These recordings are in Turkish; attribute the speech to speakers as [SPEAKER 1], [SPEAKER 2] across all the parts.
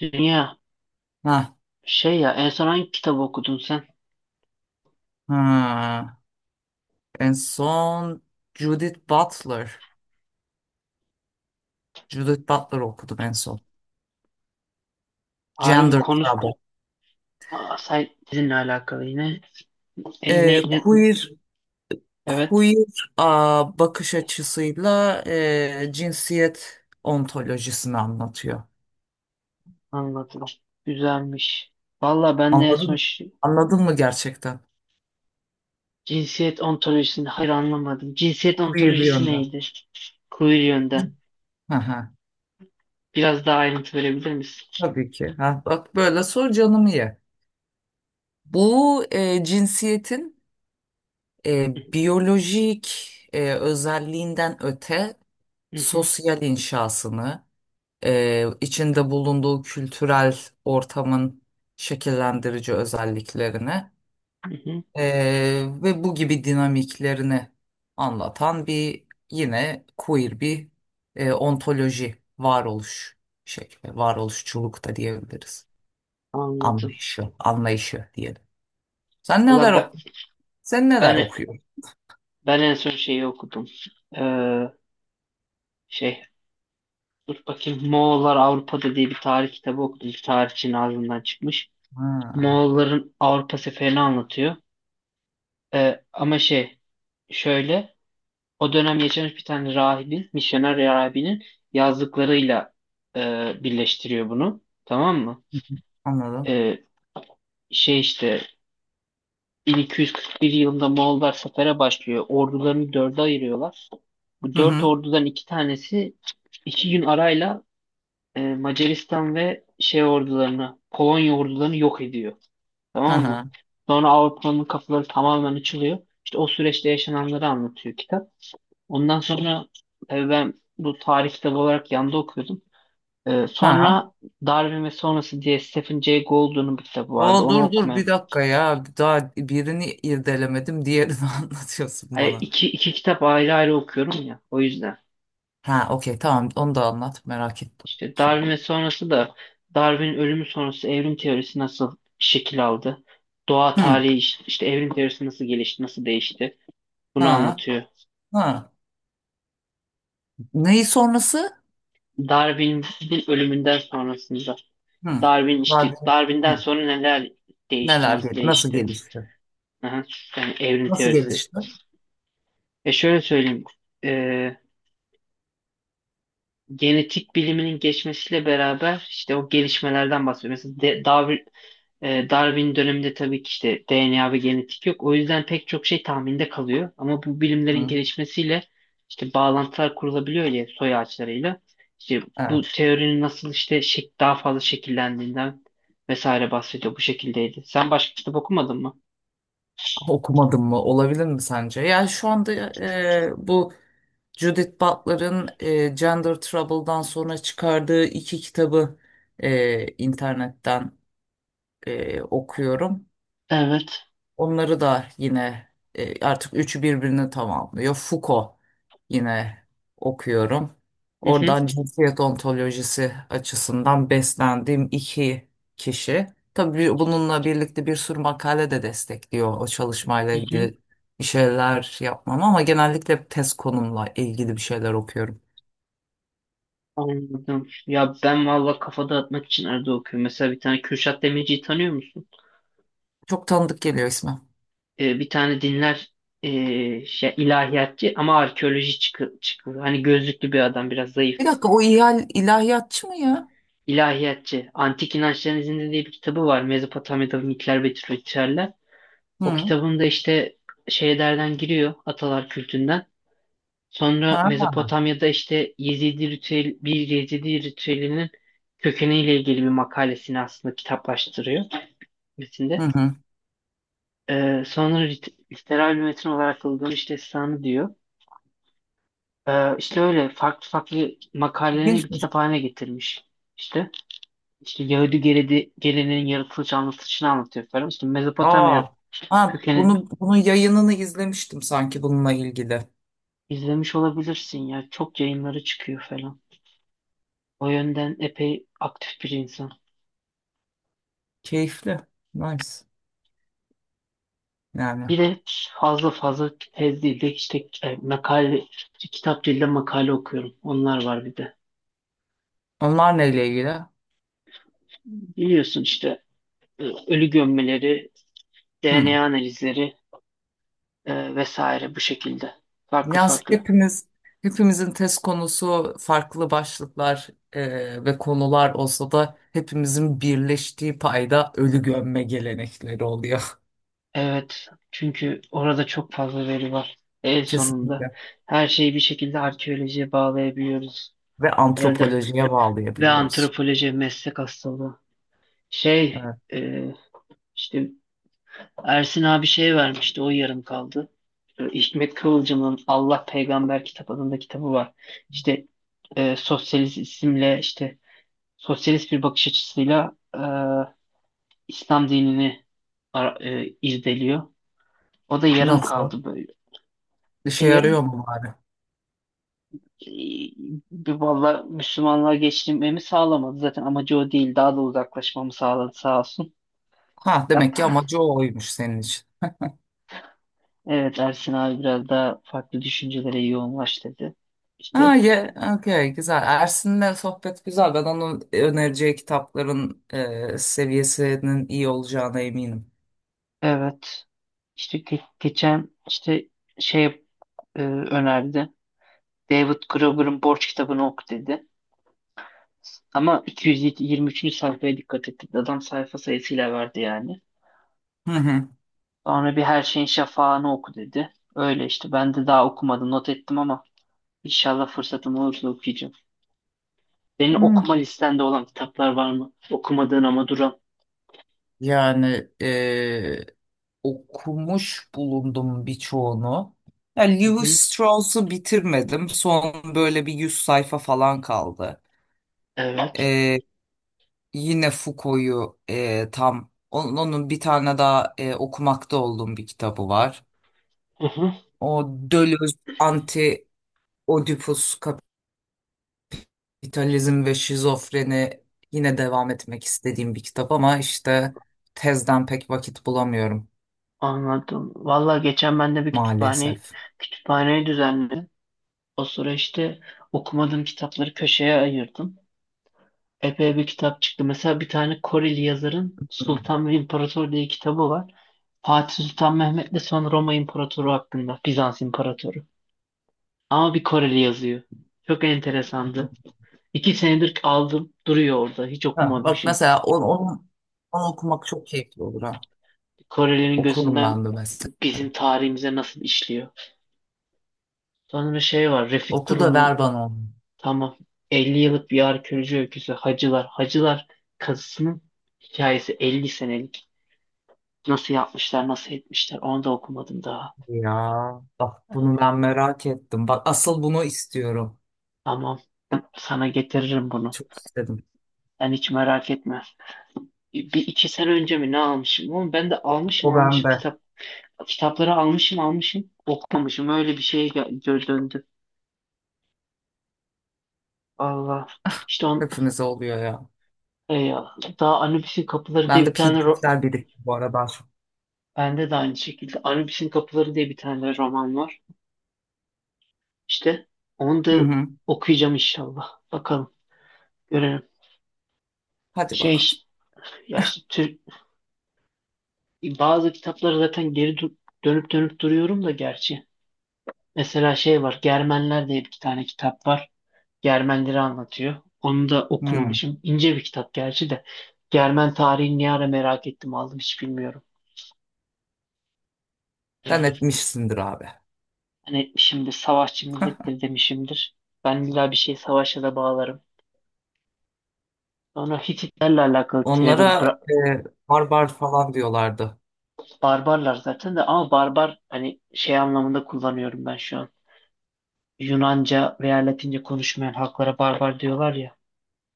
[SPEAKER 1] Dünya
[SPEAKER 2] Ha,
[SPEAKER 1] en son hangi kitabı okudun sen?
[SPEAKER 2] ha. En son Judith Butler. Judith Butler okudum en son.
[SPEAKER 1] Harbi
[SPEAKER 2] Gender
[SPEAKER 1] konu.
[SPEAKER 2] Trouble.
[SPEAKER 1] Aa, say sizinle alakalı yine. E, ne, ne-
[SPEAKER 2] Queer
[SPEAKER 1] evet,
[SPEAKER 2] queer bakış açısıyla cinsiyet ontolojisini anlatıyor.
[SPEAKER 1] anladım. Güzelmiş. Valla ben de en son
[SPEAKER 2] Anladın?
[SPEAKER 1] şi-
[SPEAKER 2] Anladın mı gerçekten?
[SPEAKER 1] cinsiyet ontolojisini hayır anlamadım. Cinsiyet
[SPEAKER 2] Queer
[SPEAKER 1] ontolojisi
[SPEAKER 2] yönden.
[SPEAKER 1] neydi? Queer yönden.
[SPEAKER 2] Hı hı.
[SPEAKER 1] Biraz daha ayrıntı verebilir misin?
[SPEAKER 2] Tabii ki. Ha, bak böyle sor canımı ye. Bu cinsiyetin biyolojik özelliğinden öte
[SPEAKER 1] Hı hı,
[SPEAKER 2] sosyal inşasını, içinde bulunduğu kültürel ortamın şekillendirici özelliklerini
[SPEAKER 1] hı hı.
[SPEAKER 2] e, ve bu gibi dinamiklerini anlatan bir yine queer bir ontoloji varoluş şekli, varoluşçuluk da diyebiliriz.
[SPEAKER 1] Anladım.
[SPEAKER 2] Anlayışı diyelim. Sen
[SPEAKER 1] Valla
[SPEAKER 2] neler
[SPEAKER 1] ben,
[SPEAKER 2] ok sen neler
[SPEAKER 1] ben,
[SPEAKER 2] okuyorsun?
[SPEAKER 1] ben en son şeyi okudum. Ee, şey Dur bakayım, Moğollar Avrupa'da diye bir tarih kitabı okudum. Bir tarihçinin ağzından çıkmış.
[SPEAKER 2] Ha,
[SPEAKER 1] Moğolların Avrupa seferini anlatıyor. Ama şey şöyle o dönem yaşamış bir tane rahibin, misyoner rahibinin yazdıklarıyla birleştiriyor bunu. Tamam mı?
[SPEAKER 2] anladım.
[SPEAKER 1] Ee, şey işte 1241 yılında Moğollar sefere başlıyor. Ordularını dörde ayırıyorlar. Bu
[SPEAKER 2] Hı
[SPEAKER 1] dört
[SPEAKER 2] hı.
[SPEAKER 1] ordudan iki tanesi iki gün arayla Macaristan ve ordularını, Polonya ordularını yok ediyor.
[SPEAKER 2] Hı
[SPEAKER 1] Tamam mı?
[SPEAKER 2] hı.
[SPEAKER 1] Sonra Avrupa'nın kafaları tamamen açılıyor. İşte o süreçte yaşananları anlatıyor kitap. Ondan sonra tabii ben bu tarih kitabı olarak yanda okuyordum.
[SPEAKER 2] Ha.
[SPEAKER 1] Sonra Darwin ve Sonrası diye Stephen Jay Gould'un bir kitabı vardı.
[SPEAKER 2] O
[SPEAKER 1] Onu
[SPEAKER 2] dur
[SPEAKER 1] okumam.
[SPEAKER 2] bir dakika ya. Daha birini irdelemedim. Diğerini anlatıyorsun
[SPEAKER 1] Hani
[SPEAKER 2] bana.
[SPEAKER 1] iki kitap ayrı ayrı okuyorum ya. O yüzden.
[SPEAKER 2] Ha, okey, tamam, onu da anlat. Merak ettim.
[SPEAKER 1] İşte
[SPEAKER 2] Şimdi.
[SPEAKER 1] Darwin ve sonrası da Darwin'in ölümü sonrası evrim teorisi nasıl şekil aldı? Doğa
[SPEAKER 2] Hı.
[SPEAKER 1] tarihi işte evrim teorisi nasıl gelişti, nasıl değişti? Bunu
[SPEAKER 2] Ha.
[SPEAKER 1] anlatıyor.
[SPEAKER 2] Ha. Neyi sonrası?
[SPEAKER 1] Darwin'in ölümünden sonrasında
[SPEAKER 2] Hı.
[SPEAKER 1] Darwin, işte
[SPEAKER 2] Var.
[SPEAKER 1] Darwin'den
[SPEAKER 2] Hı.
[SPEAKER 1] sonra neler değişti, nasıl
[SPEAKER 2] Nasıl
[SPEAKER 1] değişti?
[SPEAKER 2] gelişti?
[SPEAKER 1] Aha, yani evrim
[SPEAKER 2] Nasıl
[SPEAKER 1] teorisi.
[SPEAKER 2] gelişti?
[SPEAKER 1] E şöyle söyleyeyim. e, Genetik biliminin geçmesiyle beraber işte o gelişmelerden bahsediyor. Mesela Darwin, Darwin döneminde tabii ki işte DNA ve genetik yok. O yüzden pek çok şey tahminde kalıyor. Ama bu bilimlerin
[SPEAKER 2] Hı.
[SPEAKER 1] gelişmesiyle işte bağlantılar kurulabiliyor ya, soy ağaçlarıyla. İşte bu
[SPEAKER 2] Evet.
[SPEAKER 1] teorinin nasıl işte şek daha fazla şekillendiğinden vesaire bahsediyor. Bu şekildeydi. Sen başka kitap okumadın mı?
[SPEAKER 2] Okumadım mı? Olabilir mi sence? Yani şu anda bu Judith Butler'ın Gender Trouble'dan sonra çıkardığı iki kitabı internetten okuyorum.
[SPEAKER 1] Evet.
[SPEAKER 2] Onları da yine artık üçü birbirini tamamlıyor. Foucault yine okuyorum.
[SPEAKER 1] Hı hı,
[SPEAKER 2] Oradan cinsiyet ontolojisi açısından beslendiğim iki kişi. Tabii bununla birlikte bir sürü makale de destekliyor o çalışmayla
[SPEAKER 1] hı hı.
[SPEAKER 2] ilgili bir şeyler yapmam ama genellikle hep tez konumla ilgili bir şeyler okuyorum.
[SPEAKER 1] Anladım. Ya ben valla kafa dağıtmak için arada okuyorum. Mesela bir tane Kürşat Demirci'yi tanıyor musun?
[SPEAKER 2] Çok tanıdık geliyor ismi.
[SPEAKER 1] Bir tane dinler, ilahiyatçı ama arkeoloji çıkıyor. Hani gözlüklü bir adam, biraz zayıf.
[SPEAKER 2] Bir dakika, o ilahiyatçı mı ya?
[SPEAKER 1] İlahiyatçı. Antik İnançların İzinde diye bir kitabı var. Mezopotamya'da mitler ve ritüeller. O
[SPEAKER 2] Hı.
[SPEAKER 1] kitabında işte şeylerden giriyor, atalar kültünden. Sonra
[SPEAKER 2] Ha?
[SPEAKER 1] Mezopotamya'da işte bir Yezidi ritüelinin kökeniyle ilgili bir makalesini aslında kitaplaştırıyor
[SPEAKER 2] Hı
[SPEAKER 1] metinde.
[SPEAKER 2] hı.
[SPEAKER 1] Sonra literal bir metin olarak kullanılmış işte sanı diyor. İşte öyle farklı farklı makalelerini bir kitap
[SPEAKER 2] İlginçmiş.
[SPEAKER 1] haline getirmiş. İşte işte Yahudi geleneğin yaratılış anlatışını anlatıyor falan. İşte Mezopotamya
[SPEAKER 2] Aa, ha,
[SPEAKER 1] kökenin,
[SPEAKER 2] bunun yayınını izlemiştim sanki bununla ilgili.
[SPEAKER 1] izlemiş olabilirsin ya. Çok yayınları çıkıyor falan. O yönden epey aktif bir insan.
[SPEAKER 2] Keyifli. Nice. Yani.
[SPEAKER 1] Bir de fazla fazla tez değil de işte kitap değil de makale okuyorum. Onlar var bir de.
[SPEAKER 2] Onlar neyle ilgili?
[SPEAKER 1] Biliyorsun işte ölü gömmeleri,
[SPEAKER 2] Hmm.
[SPEAKER 1] DNA analizleri vesaire, bu şekilde. Farklı
[SPEAKER 2] Yani
[SPEAKER 1] farklı.
[SPEAKER 2] hepimiz hepimizin test konusu farklı başlıklar ve konular olsa da hepimizin birleştiği payda ölü gömme gelenekleri oluyor.
[SPEAKER 1] Evet, çünkü orada çok fazla veri var. En sonunda
[SPEAKER 2] Kesinlikle.
[SPEAKER 1] her şeyi bir şekilde arkeolojiye bağlayabiliyoruz.
[SPEAKER 2] Ve
[SPEAKER 1] Herhalde
[SPEAKER 2] antropolojiye
[SPEAKER 1] ve
[SPEAKER 2] bağlayabiliyoruz.
[SPEAKER 1] antropoloji meslek hastalığı. Şey,
[SPEAKER 2] Evet.
[SPEAKER 1] e, işte Ersin abi şey vermişti, o yarım kaldı. Hikmet Kıvılcım'ın Allah Peygamber Kitap adında kitabı var. İşte e, sosyalist isimle işte sosyalist bir bakış açısıyla İslam dinini irdeliyor. O da yarım
[SPEAKER 2] Nasıl?
[SPEAKER 1] kaldı böyle.
[SPEAKER 2] İşe yarıyor
[SPEAKER 1] Yarım,
[SPEAKER 2] mu bari?
[SPEAKER 1] valla Müslümanlığa geçirmemi sağlamadı. Zaten amacı o değil. Daha da uzaklaşmamı sağladı sağ olsun.
[SPEAKER 2] Ha,
[SPEAKER 1] Yap.
[SPEAKER 2] demek ki amacı oymuş senin için.
[SPEAKER 1] Evet, Ersin abi biraz daha farklı düşüncelere yoğunlaş dedi. İşte
[SPEAKER 2] Ha, ye, okey, güzel. Ersin'le sohbet güzel. Ben onun önereceği kitapların seviyesinin iyi olacağına eminim.
[SPEAKER 1] evet. İşte geçen işte şey e, önerdi. David Graeber'ın Borç kitabını oku dedi. Ama 223. sayfaya dikkat ettik. Adam sayfa sayısıyla verdi yani.
[SPEAKER 2] Hı hı.
[SPEAKER 1] Sonra bir Her Şeyin Şafağı'nı oku dedi. Öyle işte, ben de daha okumadım, not ettim ama İnşallah fırsatım olursa okuyacağım. Senin
[SPEAKER 2] Hı.
[SPEAKER 1] okuma listende olan kitaplar var mı? Okumadığın ama duran.
[SPEAKER 2] Yani okumuş bulundum birçoğunu. Ya,
[SPEAKER 1] Hı
[SPEAKER 2] Lewis
[SPEAKER 1] hı.
[SPEAKER 2] Strauss'u bitirmedim. Son böyle bir 100 sayfa falan kaldı.
[SPEAKER 1] Evet.
[SPEAKER 2] E, yine Foucault'u tam onun bir tane daha okumakta olduğum bir kitabı var.
[SPEAKER 1] Hı hı.
[SPEAKER 2] O Deleuze Anti Oedipus İdealizm ve Şizofreni yine devam etmek istediğim bir kitap ama işte tezden pek vakit bulamıyorum
[SPEAKER 1] Anladım. Valla geçen ben de bir kütüphane
[SPEAKER 2] maalesef.
[SPEAKER 1] kütüphaneyi düzenledim. O sıra işte okumadığım kitapları köşeye ayırdım. Epey bir kitap çıktı. Mesela bir tane Koreli yazarın Sultan ve İmparator diye kitabı var. Fatih Sultan Mehmet'le son Roma İmparatoru hakkında. Bizans İmparatoru. Ama bir Koreli yazıyor. Çok enteresandı. İki senedir aldım, duruyor orada. Hiç
[SPEAKER 2] Ha, bak
[SPEAKER 1] okumamışım.
[SPEAKER 2] mesela onu okumak çok keyifli olur ha.
[SPEAKER 1] Korelilerin
[SPEAKER 2] Okurum
[SPEAKER 1] gözünden
[SPEAKER 2] ben de mesela.
[SPEAKER 1] bizim tarihimize nasıl işliyor. Sonra şey var, Refik
[SPEAKER 2] Oku da ver
[SPEAKER 1] Durun'un,
[SPEAKER 2] bana onu.
[SPEAKER 1] tamam, 50 yıllık bir arkeoloji öyküsü Hacılar. Hacılar kazısının hikayesi 50 senelik. Nasıl yapmışlar, nasıl etmişler, onu da okumadım daha.
[SPEAKER 2] Ya, bak bunu ben merak ettim. Bak asıl bunu istiyorum.
[SPEAKER 1] Tamam, sana getiririm bunu.
[SPEAKER 2] Çok istedim.
[SPEAKER 1] Sen hiç merak etme. Bir iki sene önce mi ne almışım? Oğlum ben de
[SPEAKER 2] O
[SPEAKER 1] almışım
[SPEAKER 2] bende.
[SPEAKER 1] kitap. Kitapları almışım okumamışım. Öyle bir şeye döndü. Allah. İşte on,
[SPEAKER 2] Hepimize oluyor ya.
[SPEAKER 1] e, daha Anubis'in Kapıları
[SPEAKER 2] Ben
[SPEAKER 1] diye
[SPEAKER 2] de
[SPEAKER 1] bir tane
[SPEAKER 2] PDF'ler birikti bu arada.
[SPEAKER 1] bende de aynı şekilde Anubis'in Kapıları diye bir tane roman var. İşte onu
[SPEAKER 2] Hı
[SPEAKER 1] da
[SPEAKER 2] hı.
[SPEAKER 1] okuyacağım inşallah. Bakalım. Görelim.
[SPEAKER 2] Hadi
[SPEAKER 1] Şey
[SPEAKER 2] bakalım.
[SPEAKER 1] ya işte Türk, bazı kitapları zaten dönüp dönüp duruyorum da gerçi. Mesela şey var. Germenler diye bir tane kitap var. Germenleri anlatıyor. Onu da
[SPEAKER 2] Hı.
[SPEAKER 1] okumamışım. İnce bir kitap gerçi de. Germen tarihini ne ara merak ettim aldım hiç bilmiyorum.
[SPEAKER 2] Sen
[SPEAKER 1] Yani.
[SPEAKER 2] etmişsindir abi.
[SPEAKER 1] Ben etmişimdir, savaşçı millettir demişimdir. Ben illa bir şey savaşa da bağlarım. Sonra Hititlerle alakalı
[SPEAKER 2] Onlara e, barbar falan diyorlardı.
[SPEAKER 1] Barbarlar zaten de ama barbar hani şey anlamında kullanıyorum ben şu an. Yunanca veya Latince konuşmayan halklara barbar diyorlar ya.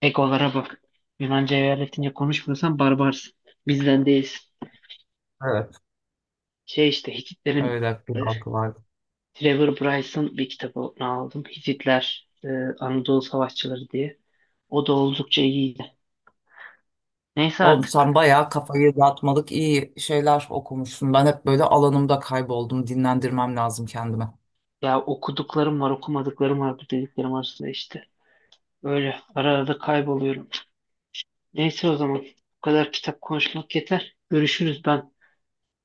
[SPEAKER 1] Egolara bak. Yunanca veya Latince konuşmuyorsan barbarsın. Bizden değilsin.
[SPEAKER 2] Evet.
[SPEAKER 1] Hititlerin
[SPEAKER 2] Öyle
[SPEAKER 1] e,
[SPEAKER 2] bir halkı vardı.
[SPEAKER 1] Trevor Bryce'ın bir kitabını aldım. Hititler, Anadolu Savaşçıları diye. O da oldukça iyiydi. Neyse
[SPEAKER 2] Oğlum,
[SPEAKER 1] artık.
[SPEAKER 2] sen bayağı kafayı dağıtmalık iyi şeyler okumuşsun. Ben hep böyle alanımda kayboldum. Dinlendirmem lazım kendime.
[SPEAKER 1] Ya okuduklarım var, okumadıklarım var, bu dediklerim arasında işte. Öyle ara ara da kayboluyorum. Neyse, o zaman bu kadar kitap konuşmak yeter. Görüşürüz, ben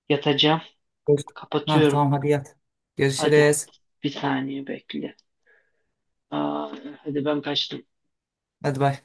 [SPEAKER 1] yatacağım.
[SPEAKER 2] Evet. Ha,
[SPEAKER 1] Kapatıyorum.
[SPEAKER 2] tamam, hadi yat.
[SPEAKER 1] Hadi
[SPEAKER 2] Görüşürüz.
[SPEAKER 1] bir saniye bekle. Aa, hadi ben kaçtım.
[SPEAKER 2] Hadi bay.